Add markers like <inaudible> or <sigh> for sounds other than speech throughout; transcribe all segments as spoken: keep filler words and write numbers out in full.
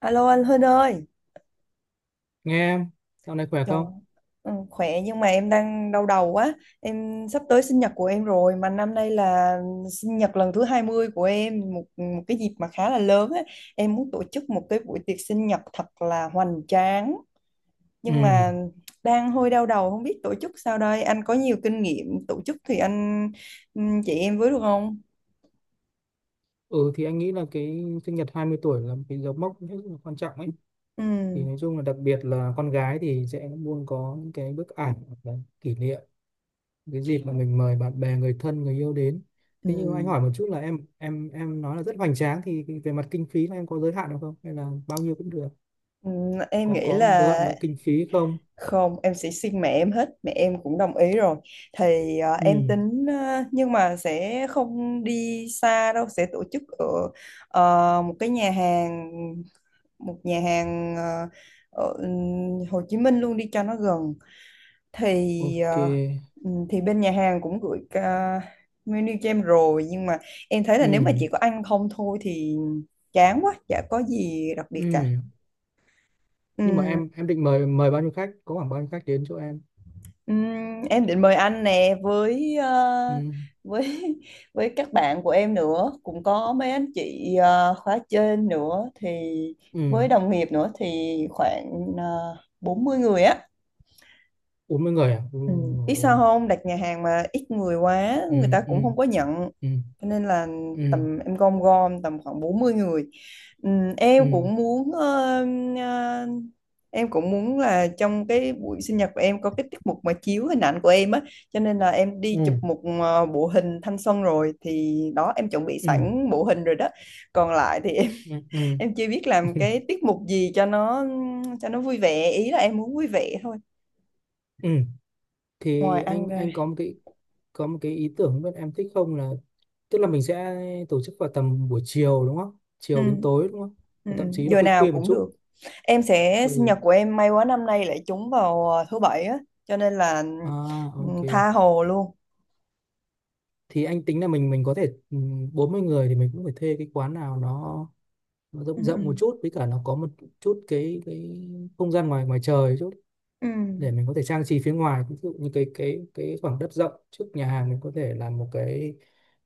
Alo anh Hưng ơi, Nghe em, dạo này khỏe trời, không? ừ, khỏe nhưng mà em đang đau đầu quá. Em sắp tới sinh nhật của em rồi mà năm nay là sinh nhật lần thứ hai mươi của em, một một cái dịp mà khá là lớn á. Em muốn tổ chức một cái buổi tiệc sinh nhật thật là hoành tráng nhưng Ừ. mà đang hơi đau đầu không biết tổ chức sao đây. Anh có nhiều kinh nghiệm tổ chức thì anh ừ, chị em với được không? Ừ thì anh nghĩ là cái sinh nhật hai mươi tuổi là một cái dấu mốc rất là quan trọng ấy. Thì Ừ. nói chung là đặc biệt là con gái thì sẽ luôn có những cái bức ảnh hoặc là kỷ niệm cái dịp mà mình mời bạn bè, người thân, người yêu đến. Ừ. Thế nhưng mà anh hỏi một chút là em em em nói là rất hoành tráng thì cái- về mặt kinh phí là em có giới hạn được không? Hay là bao nhiêu cũng được? Ừ, em Có nghĩ có giới hạn là. với kinh phí không? Không, em sẽ xin mẹ em hết, mẹ em cũng đồng ý rồi. Thì ờ, em Ừ. tính ờ, nhưng mà sẽ không đi xa đâu, sẽ tổ chức ở ờ, một cái nhà hàng một nhà hàng ờ, ở Hồ Chí Minh luôn đi cho nó gần. Thì Ok. ờ, ừm, thì bên nhà hàng cũng gửi ca- menu cho em rồi nhưng mà em thấy là nếu mà Ừ. chỉ có ăn không thôi thì chán quá, chả có gì đặc biệt Ừ. cả. Nhưng mà em em định mời mời bao nhiêu khách? Có khoảng bao nhiêu khách đến chỗ em? Ừm, em định mời anh nè với ờ, Ừ. với <laughs> với các bạn của em nữa cũng có mấy anh chị ờ, khóa trên nữa thì Ừ, với đồng nghiệp nữa thì khoảng uh, bốn mươi người á. bốn mươi người à? Ừ, Ừ. Biết sao ôi. không đặt nhà hàng mà ít người quá Ừ, người ta cũng ừ, không có nhận, ừ, cho nên là ừ, tầm em gom gom tầm khoảng bốn mươi người. Ừ, em ừ, cũng muốn ờ, ờ, em cũng muốn là trong cái buổi sinh nhật của em có cái tiết mục mà chiếu hình ảnh của em á, cho nên là em ừ, đi chụp một ờ, bộ hình thanh xuân rồi thì đó em chuẩn bị ừ, sẵn bộ hình rồi đó. Còn lại thì em ừ, <laughs> ừ, ừ. em chưa biết làm cái tiết mục gì cho nó cho nó vui vẻ, ý là em muốn vui vẻ thôi Ừ. ngoài Thì ăn anh ra. anh có một cái có một cái ý tưởng bên em thích không là tức là mình sẽ tổ chức vào tầm buổi chiều, đúng không? Ừ. Chiều đến tối, đúng không? Ừ, ừ, Và thậm chí là giờ khuya nào khuya một cũng được. chút. Em sẽ sinh Ừ. nhật của em may quá năm nay lại trúng vào ờ, thứ bảy á, cho nên là À, ừ, ok, tha hồ luôn. thì anh tính là mình mình có thể ừ, bốn mươi người thì mình cũng phải thuê cái quán nào nó nó Ừ, rộng ừ, rộng một chút, với cả nó có một chút cái cái không gian ngoài ngoài trời chút ừ. để mình có thể trang trí phía ngoài. Ví dụ như cái cái cái khoảng đất rộng trước nhà hàng, mình có thể làm một cái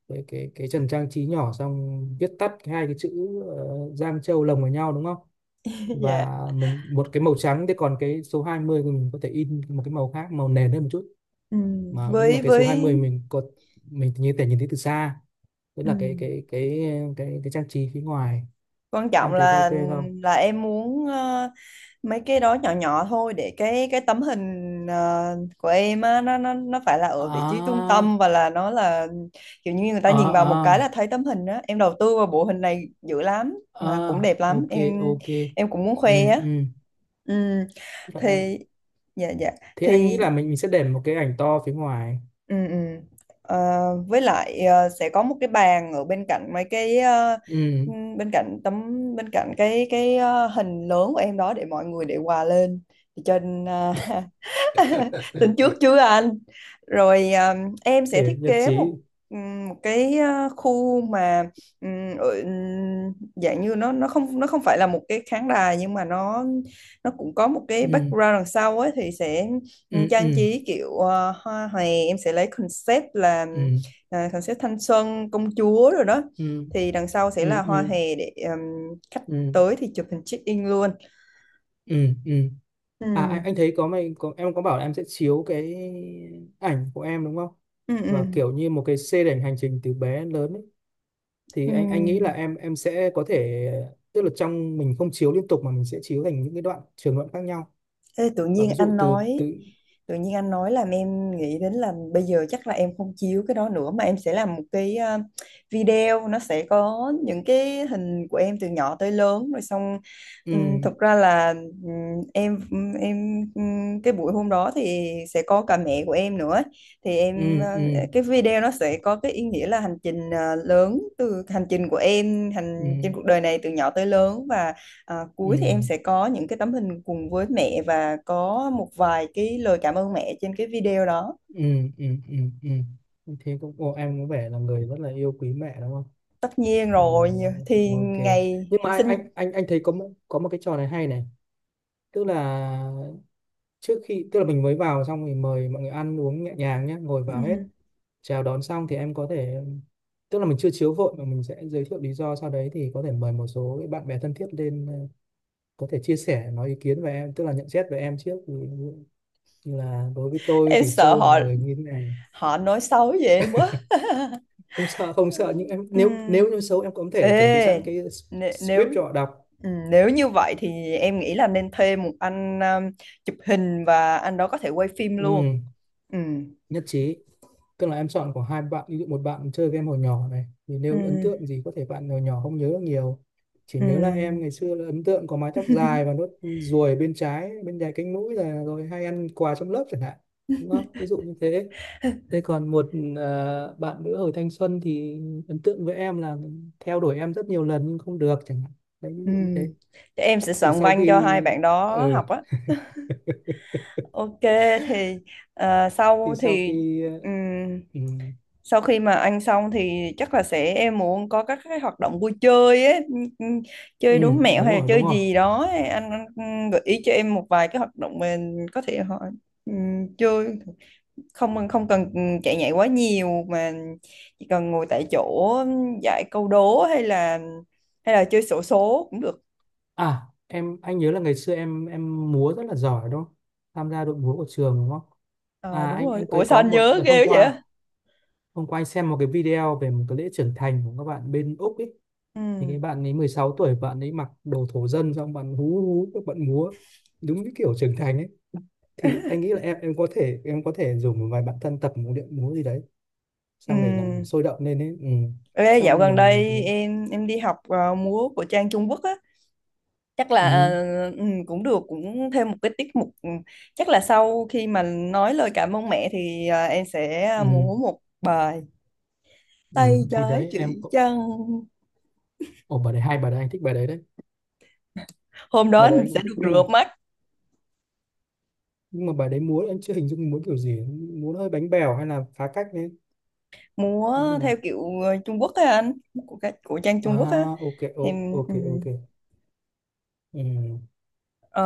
cái cái cái trần trang trí nhỏ, xong viết tắt cái hai cái chữ uh, Giang Châu lồng vào nhau, đúng không? <laughs> Dạ. Và mình một cái màu trắng, thế còn cái số hai mươi thì mình có thể in một cái màu khác màu nền hơn một chút, Ừ. mà nhưng mà Với cái số hai với mươi mình có mình như thể nhìn thấy từ xa, tức ừ, là cái cái cái cái cái trang trí phía ngoài. quan trọng Em thấy có ok là không? là em muốn ờ, mấy cái đó nhỏ nhỏ thôi để cái cái tấm hình ờ, của em á nó nó nó phải là ở vị trí trung À, tâm và là nó là kiểu như người ta à, nhìn vào một cái là à, thấy tấm hình á. Em đầu tư vào bộ hình này dữ lắm à, mà cũng đẹp lắm ok, em. ok. Em cũng muốn Ừ, khoe á, ừ. ừ. Vậy em Thì dạ dạ thế anh nghĩ thì là mình mình sẽ để một cái ảnh to phía ngoài. ừ, ừ. Ờ, với lại ờ, sẽ có một cái bàn ở bên cạnh mấy cái ờ, Ừ. ừm, bên cạnh tấm bên cạnh cái cái ờ, hình lớn của em đó để mọi người để quà lên thì cho nên, ờ, <laughs> <laughs> Tính trước <laughs> chưa anh? Rồi à, em sẽ Để thiết nhật kế trí. một ừm, một cái à, khu mà ừm, ở- ừm, dạng như nó nó không, nó không phải là một cái khán đài nhưng mà nó nó cũng có một cái Ừ, background đằng sau ấy thì sẽ ừm, ừ, trang ừ, trí kiểu à, hoa hòe. Em sẽ lấy concept là ừ, à, concept thanh xuân công chúa rồi đó ừ, thì đằng sau sẽ ừ, là hoa ừ, hòe để ừm, khách ừ, tới thì chụp hình check in luôn. ừ, ừ. À anh, Ừm, anh thấy có mày có em có bảo là em sẽ chiếu cái ảnh của em, đúng không? ừm, Và ừm, kiểu như một cái xê đảnh hành trình từ bé đến lớn ấy. Thì anh anh nghĩ là ừm. em em sẽ có thể tức là trong mình không chiếu liên tục mà mình sẽ chiếu thành những cái đoạn trường đoạn khác nhau. Ê, tự Và nhiên ví dụ anh từ nói từ tự nhiên anh nói làm em nghĩ đến là bây giờ chắc là em không chiếu cái đó nữa mà em sẽ làm một cái ờ, video, nó sẽ có những cái hình của em từ nhỏ tới lớn rồi xong. Ừm, Ừ, thực ra là ừm, em em ừm, cái buổi hôm đó thì sẽ có cả mẹ của em nữa, thì em ừ, ờ, ừ, cái video nó sẽ có cái ý nghĩa là hành trình ờ, lớn từ hành trình của em hành ừ, trên cuộc đời này từ nhỏ tới lớn. Và à, ừ, cuối thì ừ. em sẽ có những cái tấm hình cùng với mẹ và có một vài cái lời cảm ơn mẹ trên cái video đó. Ừ, ừ, ừ, ừ, thế cũng ồ, em có vẻ là người rất là yêu quý mẹ, đúng không? Tất nhiên Nhưng mà rồi, như- thì ok, ngày nhưng mà sinh. anh anh anh thấy có một, có một cái trò này hay này. Tức là trước khi tức là mình mới vào xong thì mời mọi người ăn uống nhẹ nhàng nhé, ngồi Ừ, vào hết, chào đón xong thì em có thể tức là mình chưa chiếu vội mà mình sẽ giới thiệu lý do, sau đấy thì có thể mời một số cái bạn bè thân thiết lên ờ, có thể chia sẻ nói ý kiến về em, tức là nhận xét về em trước. Ví dụ như là đối với tôi em thì sợ Châu là họ người như thế này. họ nói xấu về em quá. Không sợ không sợ nhưng em Ừ. nếu nếu như xấu, em cũng có thể chuẩn bị sẵn Ê, cái nè- nếu script cho họ đọc. ừ, nếu như vậy thì em nghĩ là nên thuê một anh um, chụp hình và anh đó có thể quay phim luôn. Ừ, Ừ. nhất trí, tức là em chọn của hai bạn, ví dụ một bạn chơi game hồi nhỏ này thì Ừ. nếu ấn tượng gì có thể bạn hồi nhỏ không nhớ được nhiều, chỉ Ừ. nhớ là em ngày xưa là ấn tượng có mái tóc dài và nốt ruồi bên trái bên dài cánh mũi là rồi hay ăn quà trong lớp chẳng hạn, đúng không? Ví dụ như thế. Thế còn một ờ, bạn nữa hồi thanh xuân thì ấn tượng với em là theo đuổi em rất nhiều lần nhưng không được chẳng hạn. Đấy, ví Ừ. dụ như thế. Chắc em sẽ Thì soạn sau văn cho khi hai bạn ừ, đó học á. <laughs> Ok, thì ờ, sau thì sau thì khi ừm, ừ, sau khi mà ăn xong thì chắc là sẽ em muốn có các cái hoạt động vui chơi ấy, ừm, ừm, ừ, chơi đố mẹo đúng hay là rồi, đúng chơi rồi. gì đó ấy. Anh, anh ừm, gợi ý cho em một vài cái hoạt động mình có thể họ ừm, chơi, không không cần ừm, chạy nhảy quá nhiều mà chỉ cần ngồi tại chỗ ừm, giải câu đố hay là hay là chơi xổ số cũng được. À em anh nhớ là ngày xưa em em múa rất là giỏi, đúng không? Tham gia đội múa của trường, đúng không? Ờ À đúng anh rồi. anh Ủa ấy sao có anh một nhớ đợt hôm ghê quá qua, vậy? hôm qua anh xem một cái video về một cái lễ trưởng thành của các bạn bên Úc ấy, thì Ừ. cái bạn ấy mười sáu tuổi, bạn ấy mặc đồ thổ dân xong bạn hú hú các bạn múa đúng cái kiểu trưởng thành ấy. Thì anh nghĩ là em em có thể em có thể rủ một vài bạn thân tập một điệu múa gì đấy, Ừ. xong để làm sôi động lên ấy. Ừ. Ê, dạo Xong gần mình đây em em đi học ờ, múa của Trang Trung Quốc á, chắc là ừ. ờ, ừ, cũng được, cũng thêm một cái tiết mục ừ, chắc là sau khi mà nói lời cảm ơn mẹ thì ờ, em sẽ ờ, Ừ. múa một bài Ừ. tay Thì trái đấy em chỉ cũng trăng. ồ, bà đấy hay, bà đấy anh thích bài đấy đấy. Hôm đó Bà đấy anh anh sẽ cũng thích, được rửa nhưng mắt. nhưng mà bài đấy múa anh chưa hình dung múa kiểu gì, múa hơi bánh bèo hay là phá cách đấy. Anh cũng Múa theo nào. kiểu ờ, Trung Quốc á anh, của, cái- của Trang Trung Quốc á. À, ok, o- Em ok, ừ. ok. Ừ.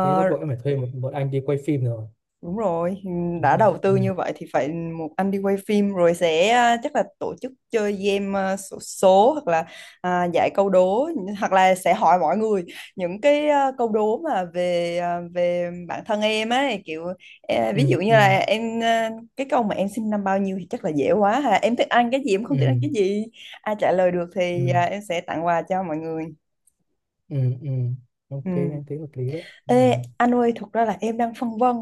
Thế bắt buộc em phải thuê một một anh đi quay phim rồi. đúng rồi, ừ, Đúng đã rồi đó. đầu Ừ. tư như vậy thì phải một anh đi quay phim rồi. Sẽ à, chắc là tổ chức chơi game à, xổ số, hoặc là à, giải câu đố, hoặc là sẽ hỏi mọi người những cái à, câu đố mà về à, về bản thân em ấy, kiểu à, ví Ừ. dụ như Ừ. là em à, cái câu mà em sinh năm bao nhiêu thì chắc là dễ quá ha. Em thích ăn cái gì, em không thích ăn Ừ. cái gì. Ai trả lời được thì Ừ. à, em sẽ tặng quà cho mọi người. Ừ. Ừ. Ok, Ừ. anh thấy hợp lý đấy. Ừ. Ê, anh ơi, thực ra là em đang phân vân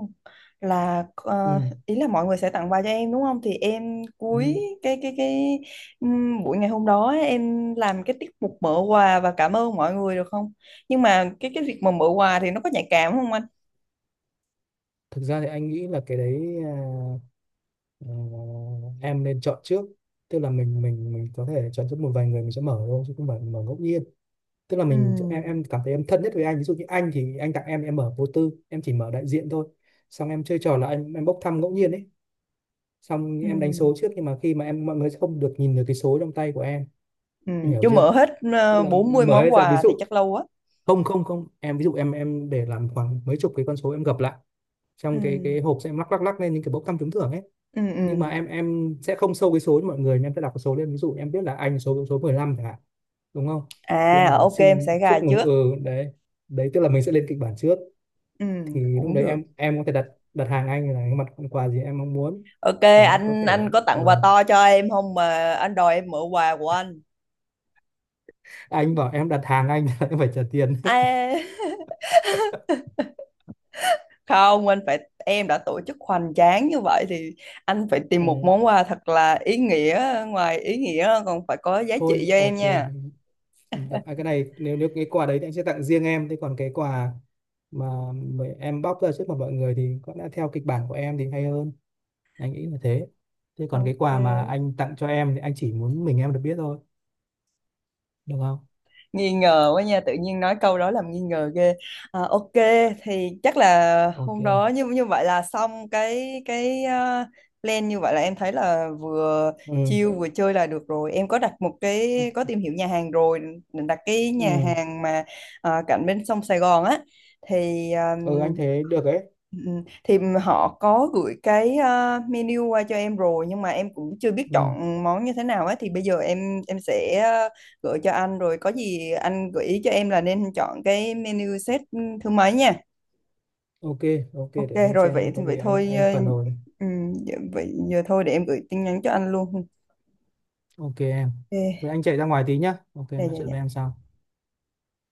là ờ, Ừ. ý là mọi người sẽ tặng quà cho em đúng không? Thì em cuối Ừ. cái cái cái ừm, buổi ngày hôm đó ấy, em làm cái tiết mục mở quà và cảm ơn mọi người được không? Nhưng mà cái cái việc mà mở quà thì nó có nhạy cảm không anh? Thực ra thì anh nghĩ là cái đấy à, ờ, em nên chọn trước, tức là mình mình mình có thể chọn trước một vài người mình sẽ mở thôi chứ không phải mở ngẫu nhiên. Tức là Ừ, mình em em cảm thấy em thân nhất với anh, ví dụ như anh thì anh tặng em em mở vô tư, em chỉ mở đại diện thôi. Xong em chơi trò là anh em em bốc thăm ngẫu nhiên ấy, xong em đánh ừ, số trước nhưng mà khi mà em mọi người sẽ không được nhìn được cái số trong tay của em. ừ, Em hiểu chưa chưa? mở hết Tức ờ, là bốn mươi mở hết món ra. Ví quà dụ thì chắc lâu quá. không không không em, ví dụ em em để làm khoảng mấy chục cái con số, em gập lại Ừ, trong cái cái hộp, sẽ em lắc lắc lắc lên những cái bốc thăm trúng thưởng ấy. ừ, ừ. Nhưng mà em em sẽ không show cái số cho mọi người, mà em sẽ đọc cái số lên. Ví dụ em biết là anh số số mười lăm chẳng hạn, đúng không? Thì em À, bảo là ok em xin sẽ gà chúc mừng. trước. Ừ, đấy, đấy, tức là mình sẽ lên kịch bản trước. Ừ, Thì lúc cũng đấy được. em em có thể đặt đặt hàng anh là cái mặt hàng quà gì em mong muốn. Ok, Thì nó có anh anh thể có tặng quà ờ, to cho em không mà anh đòi em mở quà của anh? à, anh bảo em đặt hàng anh <laughs> em phải trả tiền đấy. À, <laughs> không, anh phải em đã tổ chức hoành tráng như vậy thì anh phải tìm một Ừ. món quà thật là ý nghĩa, ngoài ý nghĩa còn phải có giá Thôi trị cho em ok, nha. yên tâm à, cái này nếu nếu cái quà đấy thì anh sẽ tặng riêng em, thế còn cái quà mà mà em bóc ra trước mặt mọi người thì có lẽ theo kịch bản của em thì hay hơn. Anh nghĩ là thế. Thế còn cái quà mà Ok, anh tặng cho em thì anh chỉ muốn mình em được biết thôi, được không? nghi ngờ quá nha, tự nhiên nói câu đó làm nghi ngờ ghê. À, ok thì chắc là hôm đó Ok. như như vậy là xong cái cái ờ, plan. Như vậy là em thấy là vừa Ừ, chill vừa chơi là được rồi. Em có đặt một ừ, cái, có tìm hiểu nhà hàng rồi, định đặt cái nhà ừ. hàng mà ờ, cạnh bên sông Sài Gòn á, thì ờ, Ừ, anh thấy được đấy. ừ, thì họ có gửi cái ờ, menu qua cho em rồi nhưng mà em cũng chưa biết Ừ. chọn món như thế nào á, thì bây giờ em em sẽ ờ, gửi cho anh rồi có gì anh gợi ý cho em là nên chọn cái menu set thứ mấy nha. Ok, ok, Ok để anh rồi, xem vậy xong có vậy gì anh thôi anh ờ, phản hồi. ừm, dạ, vậy giờ thôi để em gửi tin nhắn cho anh luôn. Ok em, Ok. vậy anh chạy ra ngoài tí nhá, ok, Dạ nói dạ chuyện với em dạ. sau.